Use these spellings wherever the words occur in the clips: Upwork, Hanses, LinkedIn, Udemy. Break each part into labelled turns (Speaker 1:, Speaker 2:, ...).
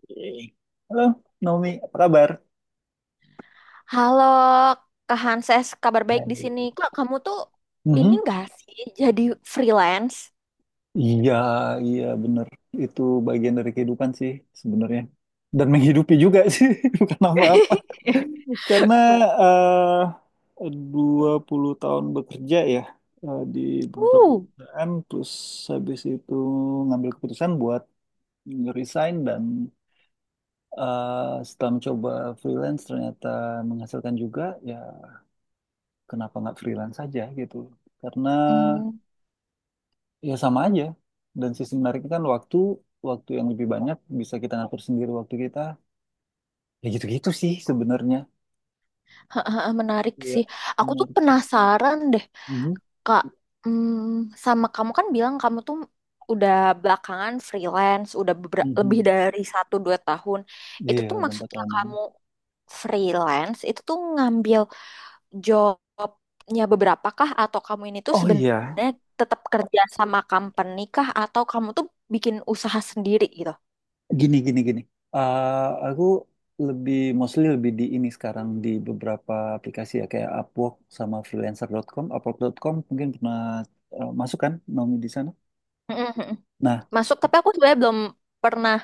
Speaker 1: Oke. Halo, Naomi, apa kabar?
Speaker 2: Halo, Kak Hanses, kabar baik di sini.
Speaker 1: Hai.
Speaker 2: Kak, kamu tuh ini
Speaker 1: Mhm.
Speaker 2: nggak sih jadi freelance?
Speaker 1: Iya, iya bener. Itu bagian dari kehidupan sih sebenarnya. Dan menghidupi juga sih, bukan apa-apa. Karena eh 20 tahun bekerja ya, di beberapa
Speaker 2: Uh,
Speaker 1: perusahaan, terus habis itu ngambil keputusan buat resign dan, setelah mencoba freelance ternyata menghasilkan juga, ya kenapa nggak freelance saja gitu. Karena
Speaker 2: hmm,
Speaker 1: ya sama aja. Dan sisi menariknya kan waktu waktu yang lebih banyak bisa kita ngatur sendiri waktu kita. Ya gitu-gitu sih sebenarnya.
Speaker 2: menarik
Speaker 1: Iya,
Speaker 2: sih. Aku tuh
Speaker 1: menarik sih.
Speaker 2: penasaran deh,
Speaker 1: Mhm,
Speaker 2: Kak. Hmm, sama kamu kan bilang kamu tuh udah belakangan freelance, udah lebih
Speaker 1: mhm.
Speaker 2: dari satu dua tahun. Itu
Speaker 1: Iya,
Speaker 2: tuh
Speaker 1: udah empat
Speaker 2: maksudnya
Speaker 1: tahunan.
Speaker 2: kamu freelance, itu tuh ngambil jobnya beberapa kah atau kamu ini tuh
Speaker 1: Oh iya,
Speaker 2: sebenarnya tetap kerja sama company kah atau kamu tuh bikin usaha sendiri gitu?
Speaker 1: gini gini gini. Aku lebih mostly lebih di ini sekarang di beberapa aplikasi ya kayak Upwork sama freelancer dot com Upwork dot com mungkin pernah, masuk kan Naomi di sana.
Speaker 2: Mm-mm. Masuk, tapi aku sebenarnya belum pernah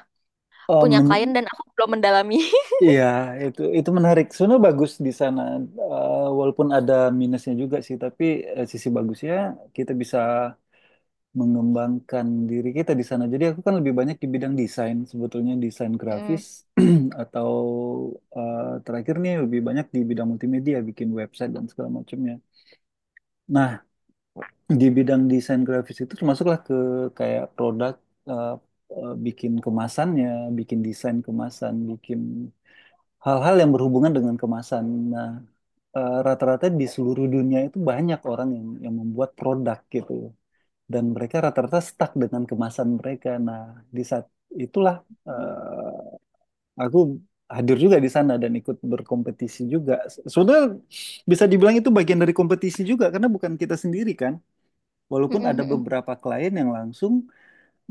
Speaker 1: Nah,
Speaker 2: punya klien dan aku belum mendalami.
Speaker 1: iya, itu menarik. Sebenarnya bagus di sana, walaupun ada minusnya juga sih. Tapi sisi bagusnya kita bisa mengembangkan diri kita di sana. Jadi aku kan lebih banyak di bidang desain, sebetulnya desain
Speaker 2: Mm-mm.
Speaker 1: grafis atau, eh, terakhir nih lebih banyak di bidang multimedia, bikin website dan segala macamnya. Nah, di bidang desain grafis itu termasuklah ke kayak produk, eh, bikin kemasannya, bikin desain kemasan, bikin hal-hal yang berhubungan dengan kemasan. Nah, rata-rata di seluruh dunia itu banyak orang yang membuat produk gitu loh. Dan mereka rata-rata stuck dengan kemasan mereka. Nah, di saat itulah,
Speaker 2: Mm.
Speaker 1: eh, aku hadir juga di sana dan ikut berkompetisi juga. Sebenarnya bisa dibilang itu bagian dari kompetisi juga karena bukan kita sendiri kan. Walaupun ada
Speaker 2: Mm-mm.
Speaker 1: beberapa klien yang langsung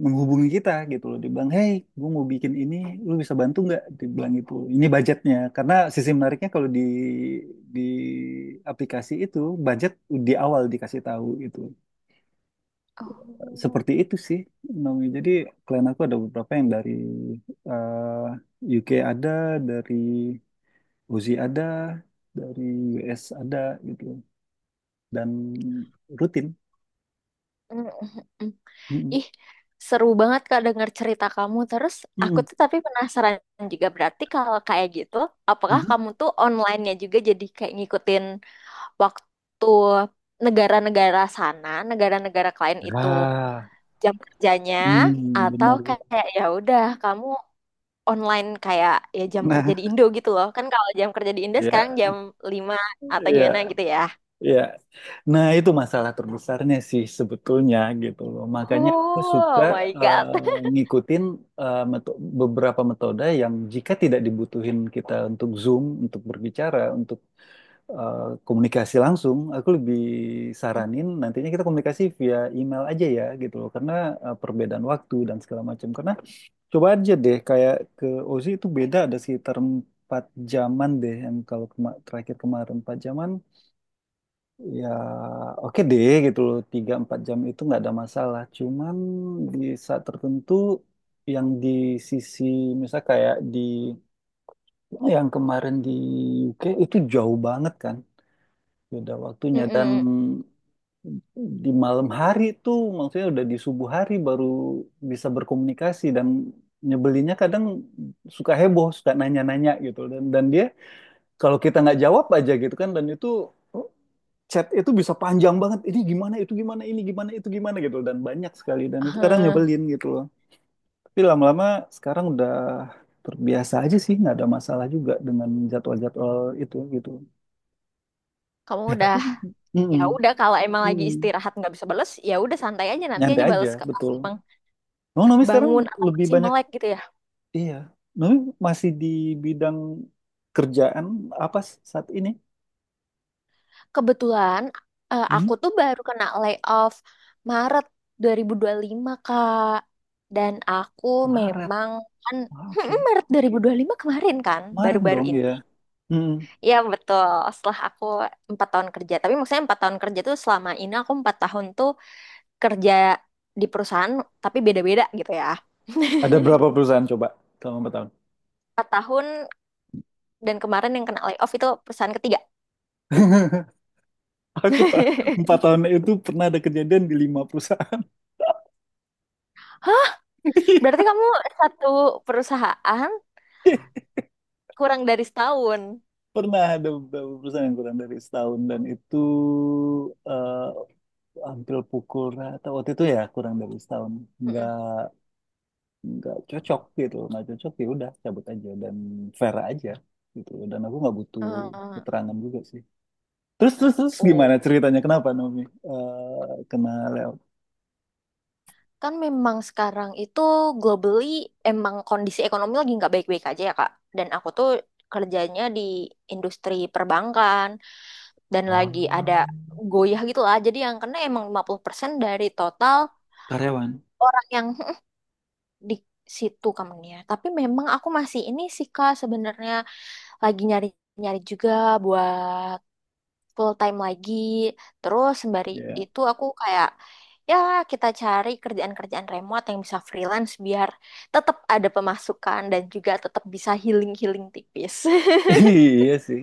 Speaker 1: menghubungi kita gitu loh, dibilang hey, gue mau bikin ini, lu bisa bantu nggak, dibilang itu ini budgetnya, karena sisi menariknya kalau di aplikasi itu budget di awal dikasih tahu gitu,
Speaker 2: Oh.
Speaker 1: seperti itu sih Naomi. Jadi klien aku ada beberapa yang dari, UK ada, dari Uzi ada, dari US ada gitu, dan rutin.
Speaker 2: Mm-mm.
Speaker 1: Mm-mm.
Speaker 2: Ih, seru banget Kak denger cerita kamu. Terus aku
Speaker 1: Mm-mm.
Speaker 2: tuh tapi penasaran juga berarti kalau kayak gitu, apakah
Speaker 1: Mhm.
Speaker 2: kamu tuh online-nya juga jadi kayak ngikutin waktu negara-negara sana, negara-negara klien itu
Speaker 1: Ah,
Speaker 2: jam kerjanya
Speaker 1: hmm,
Speaker 2: atau
Speaker 1: benar, benar.
Speaker 2: kayak ya udah kamu online kayak ya jam kerja di
Speaker 1: Nah,
Speaker 2: Indo gitu loh. Kan kalau jam kerja di Indo sekarang
Speaker 1: ya,
Speaker 2: jam 5 atau gimana
Speaker 1: ya.
Speaker 2: gitu ya.
Speaker 1: Ya, nah itu masalah terbesarnya sih sebetulnya gitu loh. Makanya aku suka,
Speaker 2: Oh my God.
Speaker 1: ngikutin beberapa metode yang jika tidak dibutuhin kita untuk Zoom, untuk berbicara, untuk, eh, komunikasi langsung, aku lebih saranin nantinya kita komunikasi via email aja ya gitu loh. Karena perbedaan waktu dan segala macam. Karena coba aja deh kayak ke Ozi itu beda ada sekitar 4 jaman deh yang kalau terakhir kemarin 4 jaman, ya oke deh gitu loh, 3 4 jam itu nggak ada masalah, cuman di saat tertentu yang di sisi misal kayak di yang kemarin di UK itu jauh banget kan beda waktunya, dan
Speaker 2: Mm-mm.
Speaker 1: di malam hari itu maksudnya udah di subuh hari baru bisa berkomunikasi, dan nyebelinnya kadang suka heboh, suka nanya-nanya gitu, dan dia kalau kita nggak jawab aja gitu kan, dan itu chat itu bisa panjang banget, ini gimana, itu gimana, ini gimana, itu gimana gitu, dan banyak sekali, dan itu kadang
Speaker 2: Eh,
Speaker 1: nyebelin gitu loh. Tapi lama-lama sekarang udah terbiasa aja sih, nggak ada masalah juga dengan jadwal-jadwal itu gitu.
Speaker 2: Kamu udah,
Speaker 1: Tapi
Speaker 2: ya
Speaker 1: mm-mm,
Speaker 2: udah kalau emang lagi
Speaker 1: mm,
Speaker 2: istirahat nggak bisa bales ya udah santai aja nanti
Speaker 1: nyantai
Speaker 2: aja
Speaker 1: aja
Speaker 2: bales ke pas
Speaker 1: betul.
Speaker 2: emang
Speaker 1: Nomi Nomi sekarang
Speaker 2: bangun atau
Speaker 1: lebih
Speaker 2: masih
Speaker 1: banyak,
Speaker 2: melek gitu ya.
Speaker 1: iya, Nomi masih di bidang kerjaan apa saat ini?
Speaker 2: Kebetulan
Speaker 1: Hmm?
Speaker 2: aku tuh baru kena layoff Maret 2025, Kak. Dan aku
Speaker 1: Maret.
Speaker 2: memang kan
Speaker 1: Ah, oke.
Speaker 2: Maret 2025 kemarin kan,
Speaker 1: Maret
Speaker 2: baru-baru
Speaker 1: dong
Speaker 2: ini.
Speaker 1: ya, mm,
Speaker 2: Iya betul, setelah aku 4 tahun kerja. Tapi maksudnya 4 tahun kerja tuh selama ini aku 4 tahun tuh kerja di perusahaan tapi beda-beda gitu ya.
Speaker 1: ada berapa perusahaan coba selama 4 tahun.
Speaker 2: 4 tahun dan kemarin yang kena layoff itu perusahaan ketiga.
Speaker 1: Aku ta- empat tahun itu pernah ada kejadian di 5 perusahaan.
Speaker 2: Hah, berarti kamu satu perusahaan kurang dari setahun.
Speaker 1: Pernah ada beberapa perusahaan yang kurang dari setahun, dan itu, eh, hampir pukul rata waktu itu ya kurang dari setahun.
Speaker 2: Mm-mm.
Speaker 1: Nggak nggak cocok gitu, nggak cocok, ya udah cabut aja, dan fair aja gitu. Dan aku nggak butuh
Speaker 2: Eh,
Speaker 1: keterangan juga sih. Terus terus terus
Speaker 2: oh,
Speaker 1: gimana ceritanya? Kenapa Naomi, kena layoff?
Speaker 2: kan memang sekarang itu globally emang kondisi ekonomi lagi nggak baik-baik aja ya Kak. Dan aku tuh kerjanya di industri perbankan dan
Speaker 1: Oh,
Speaker 2: lagi ada goyah gitu lah. Jadi yang kena emang 50% dari total
Speaker 1: karyawan.
Speaker 2: orang yang di situ company. Tapi memang aku masih ini sih Kak sebenarnya lagi nyari-nyari juga buat full time lagi. Terus sembari
Speaker 1: Ya,
Speaker 2: itu aku kayak ya kita cari kerjaan-kerjaan remote yang bisa freelance biar tetap ada pemasukan dan juga tetap bisa healing-healing tipis.
Speaker 1: iya sih.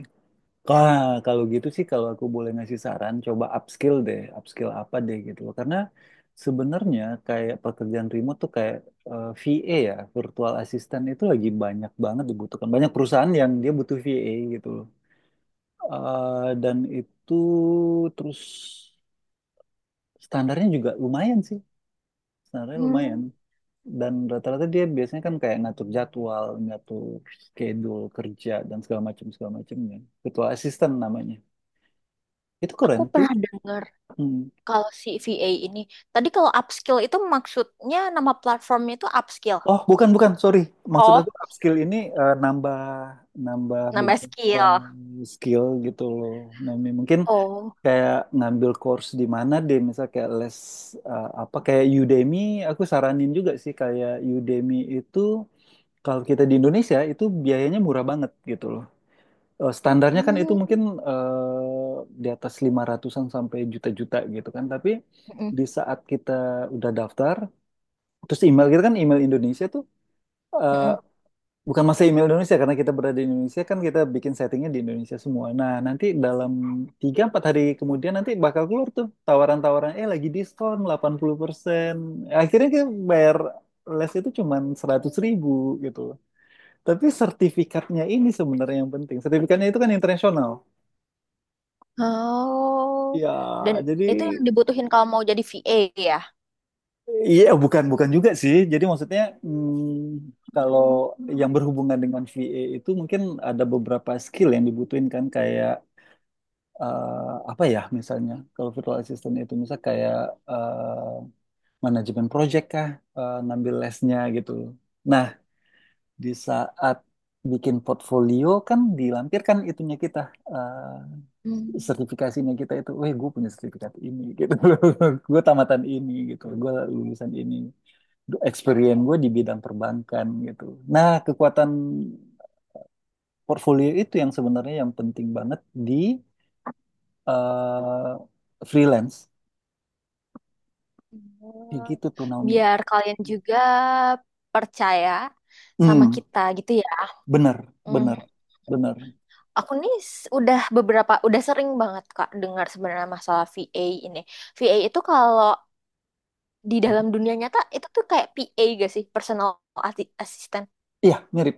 Speaker 1: Ah, kalau gitu sih kalau aku boleh ngasih saran, coba upskill deh, upskill apa deh gitu loh. Karena sebenarnya kayak pekerjaan remote tuh kayak, VA ya, virtual assistant itu lagi banyak banget dibutuhkan. Banyak perusahaan yang dia butuh VA gitu loh. Dan itu terus standarnya juga lumayan sih, standarnya
Speaker 2: Hmm,
Speaker 1: lumayan. Dan rata-rata dia biasanya kan kayak ngatur jadwal, ngatur schedule kerja dan segala macam segala macamnya. Virtual assistant namanya. Itu
Speaker 2: aku
Speaker 1: keren tuh.
Speaker 2: pernah dengar
Speaker 1: Hmm.
Speaker 2: kalau si VA ini. Tadi kalau upskill itu maksudnya nama platformnya itu upskill.
Speaker 1: Oh, bukan, bukan. Sorry. Maksud aku
Speaker 2: Oh,
Speaker 1: upskill ini nambah, nambah
Speaker 2: nambah
Speaker 1: beberapa
Speaker 2: skill.
Speaker 1: skill gitu loh. Nomi mungkin
Speaker 2: Oh.
Speaker 1: kayak ngambil course di mana deh, misal kayak les, apa kayak Udemy, aku saranin juga sih kayak Udemy itu kalau kita di Indonesia itu biayanya murah banget gitu loh. Standarnya kan itu
Speaker 2: Hmm.
Speaker 1: mungkin, eh, di atas 500-an sampai juta-juta gitu kan. Tapi
Speaker 2: Mm-mm.
Speaker 1: di saat kita udah daftar, terus email kita kan email Indonesia tuh, eh,
Speaker 2: Mm-mm.
Speaker 1: bukan masa email Indonesia, karena kita berada di Indonesia, kan kita bikin settingnya di Indonesia semua. Nah, nanti dalam 3 4 hari kemudian nanti bakal keluar tuh tawaran-tawaran, eh lagi diskon 80%. Akhirnya kita bayar les itu cuman 100 ribu gitu. Tapi sertifikatnya ini sebenarnya yang penting. Sertifikatnya itu kan internasional.
Speaker 2: Oh.
Speaker 1: Ya,
Speaker 2: Dan
Speaker 1: jadi
Speaker 2: itu yang dibutuhin kalau mau jadi VA ya.
Speaker 1: iya, bukan bukan juga sih. Jadi maksudnya hmm, kalau yang berhubungan dengan VA itu mungkin ada beberapa skill yang dibutuhin kan kayak, apa ya, misalnya kalau virtual assistant itu misal kayak, eh, manajemen project kah, ngambil lesnya gitu. Nah, di saat bikin portfolio kan dilampirkan itunya kita,
Speaker 2: Hmm.
Speaker 1: sertifikasinya kita itu, weh gue punya sertifikat ini gitu, gue tamatan ini gitu, gue lulusan ini, experience gue di bidang perbankan gitu. Nah, kekuatan portfolio itu yang sebenarnya yang penting banget di, eh, freelance. Kayak
Speaker 2: Oh,
Speaker 1: gitu tuh Naomi.
Speaker 2: biar kalian juga percaya sama
Speaker 1: Hmm,
Speaker 2: kita gitu ya.
Speaker 1: bener,
Speaker 2: Mhm.
Speaker 1: bener, bener.
Speaker 2: Aku nih udah beberapa, udah sering banget Kak dengar sebenarnya masalah VA ini. VA itu kalau di dalam dunia nyata itu tuh kayak PA gak sih? Personal assistant.
Speaker 1: Iya, mirip,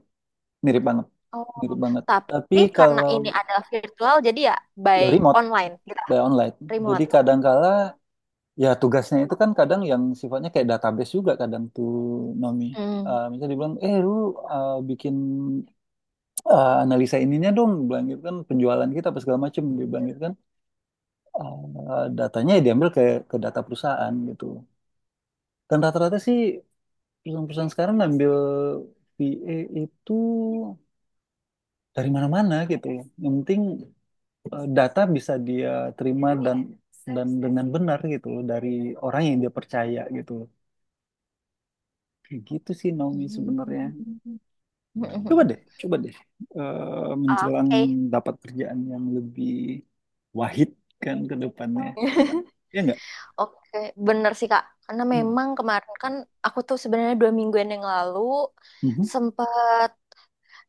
Speaker 1: mirip banget,
Speaker 2: Oh,
Speaker 1: mirip banget. Tapi
Speaker 2: tapi karena
Speaker 1: kalau
Speaker 2: ini adalah virtual jadi ya by
Speaker 1: ya remote
Speaker 2: online gitu,
Speaker 1: by online, jadi
Speaker 2: remote.
Speaker 1: kadangkala ya tugasnya itu kan kadang yang sifatnya kayak database juga kadang tuh Nomi.
Speaker 2: Mm.
Speaker 1: Misalnya dibilang, eh lu, bikin, analisa ininya dong, bilang gitu kan, penjualan kita apa segala macem, dia bilang gitu kan. Datanya ya diambil ke, data perusahaan gitu. Dan rata-rata sih perusahaan-perusahaan sekarang ngambil VA itu dari mana-mana gitu ya. Yang penting, data bisa dia terima dan dengan benar gitu loh, dari orang yang dia percaya gitu loh. Kayak gitu sih Naomi sebenarnya.
Speaker 2: Mm.
Speaker 1: Coba deh, coba deh menjelang
Speaker 2: Oke.
Speaker 1: dapat kerjaan yang lebih wahid kan ke depannya. Ya enggak?
Speaker 2: Oke, bener sih Kak. Karena
Speaker 1: Hmm.
Speaker 2: memang kemarin kan aku tuh sebenarnya 2 mingguan yang lalu
Speaker 1: Mhm.
Speaker 2: sempat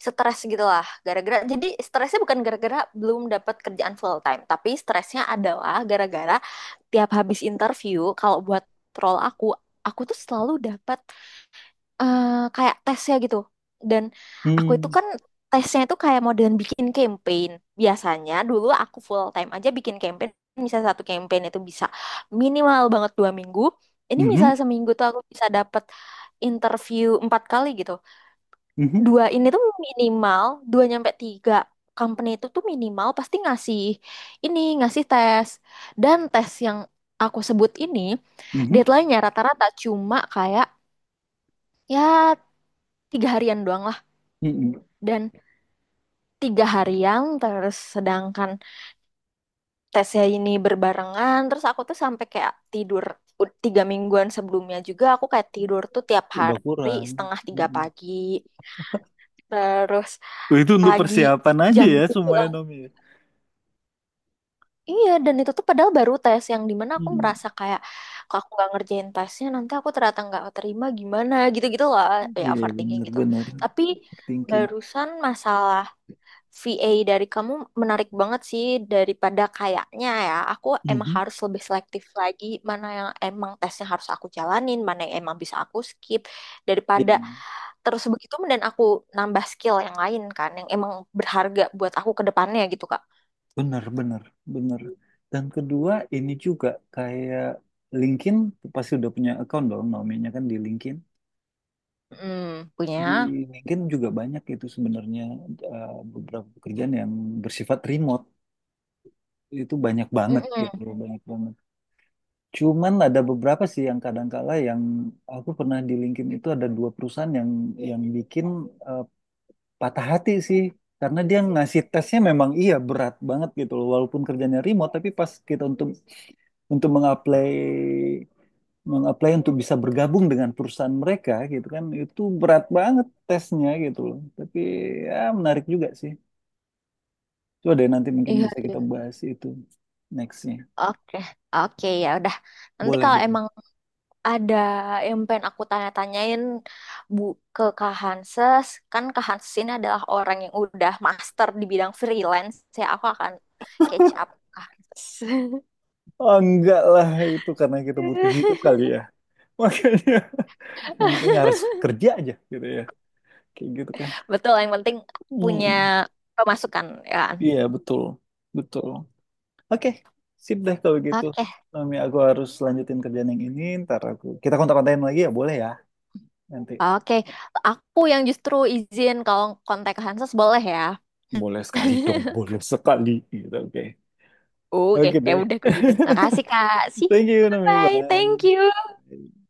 Speaker 2: stres gitu lah. Gara-gara, jadi stresnya bukan gara-gara belum dapat kerjaan full time, tapi stresnya adalah gara-gara tiap habis interview, kalau buat role aku tuh selalu dapat eh, kayak tesnya gitu. Dan aku itu
Speaker 1: Hmm.
Speaker 2: kan tesnya itu kayak modern bikin campaign. Biasanya dulu aku full time aja bikin campaign. Misalnya satu campaign itu bisa minimal banget 2 minggu. Ini misalnya
Speaker 1: Mhm.
Speaker 2: seminggu tuh aku bisa dapet interview 4 kali gitu.
Speaker 1: Mhm.
Speaker 2: Dua ini tuh minimal, dua nyampe tiga company itu tuh minimal pasti ngasih ini, ngasih tes. Dan tes yang aku sebut ini
Speaker 1: Mhm.
Speaker 2: deadline-nya rata-rata cuma kayak ya 3 harian doang
Speaker 1: Mhm.
Speaker 2: dan 3 harian terus, sedangkan tesnya ini berbarengan terus aku tuh sampai kayak tidur 3 mingguan sebelumnya juga aku kayak tidur tuh tiap
Speaker 1: Udah
Speaker 2: hari
Speaker 1: kurang.
Speaker 2: setengah tiga
Speaker 1: Mhm.
Speaker 2: pagi terus
Speaker 1: Itu untuk
Speaker 2: pagi
Speaker 1: persiapan aja
Speaker 2: jam
Speaker 1: ya
Speaker 2: tujuh
Speaker 1: semuanya Nomi.
Speaker 2: iya, dan itu tuh padahal baru tes yang dimana aku
Speaker 1: Hmm.
Speaker 2: merasa kayak kalau aku nggak ngerjain tesnya nanti aku ternyata nggak terima gimana gitu-gitu lah ya
Speaker 1: Iya
Speaker 2: overthinking gitu.
Speaker 1: benar-benar
Speaker 2: Tapi
Speaker 1: thinking.
Speaker 2: barusan masalah VA dari kamu menarik banget sih, daripada kayaknya ya. Aku emang
Speaker 1: Mhm.
Speaker 2: harus lebih selektif lagi mana yang emang tesnya harus aku jalanin, mana yang emang bisa aku skip
Speaker 1: Iya
Speaker 2: daripada terus begitu dan aku nambah skill yang lain kan yang emang berharga buat aku ke depannya gitu Kak.
Speaker 1: benar-benar benar. Dan kedua ini juga kayak LinkedIn pasti udah punya account dong namanya kan di LinkedIn.
Speaker 2: Hmm,
Speaker 1: Di
Speaker 2: punya.
Speaker 1: LinkedIn juga banyak itu sebenarnya, eh, beberapa pekerjaan yang bersifat remote itu banyak banget gitu,
Speaker 2: Mm-mm.
Speaker 1: banyak banget. Cuman ada beberapa sih yang kadang-kala yang aku pernah di LinkedIn itu ada 2 perusahaan yang bikin, eh, patah hati sih, karena dia ngasih tesnya memang iya berat banget gitu loh, walaupun kerjanya remote, tapi pas kita untuk mengapply mengapply untuk bisa bergabung dengan perusahaan mereka gitu kan, itu berat banget tesnya gitu loh. Tapi ya menarik juga sih, coba deh nanti mungkin
Speaker 2: Iya.
Speaker 1: bisa kita bahas itu nextnya,
Speaker 2: Oke. Oke, ya udah. Nanti
Speaker 1: boleh
Speaker 2: kalau
Speaker 1: boleh.
Speaker 2: emang ada yang pengen aku tanya-tanyain Bu ke Kak Hanses. Kan Kak Hanses ini adalah orang yang udah master di bidang freelance. Ya, aku akan catch up Kak Hanses.
Speaker 1: Oh, enggak lah, itu karena kita butuh hidup kali ya, makanya yang penting harus kerja aja gitu ya, kayak gitu kan.
Speaker 2: Betul, yang penting punya
Speaker 1: Hmm.
Speaker 2: pemasukan ya kan.
Speaker 1: Iya, betul. Betul. Oke, sip deh kalau gitu.
Speaker 2: Oke,
Speaker 1: Mami, aku harus lanjutin kerjaan yang ini, ntar aku... Kita kontak-kontakin lagi ya, boleh ya? Nanti.
Speaker 2: oke. Aku yang justru izin kalau kontak Kak Hanses boleh ya.
Speaker 1: Boleh sekali dong, boleh sekali. Gitu, oke.
Speaker 2: Oke,
Speaker 1: Oke
Speaker 2: ya
Speaker 1: deh.
Speaker 2: udah aku gitu. Makasih Kak. See you.
Speaker 1: Thank you, Nami.
Speaker 2: Bye. Thank you.
Speaker 1: Bye.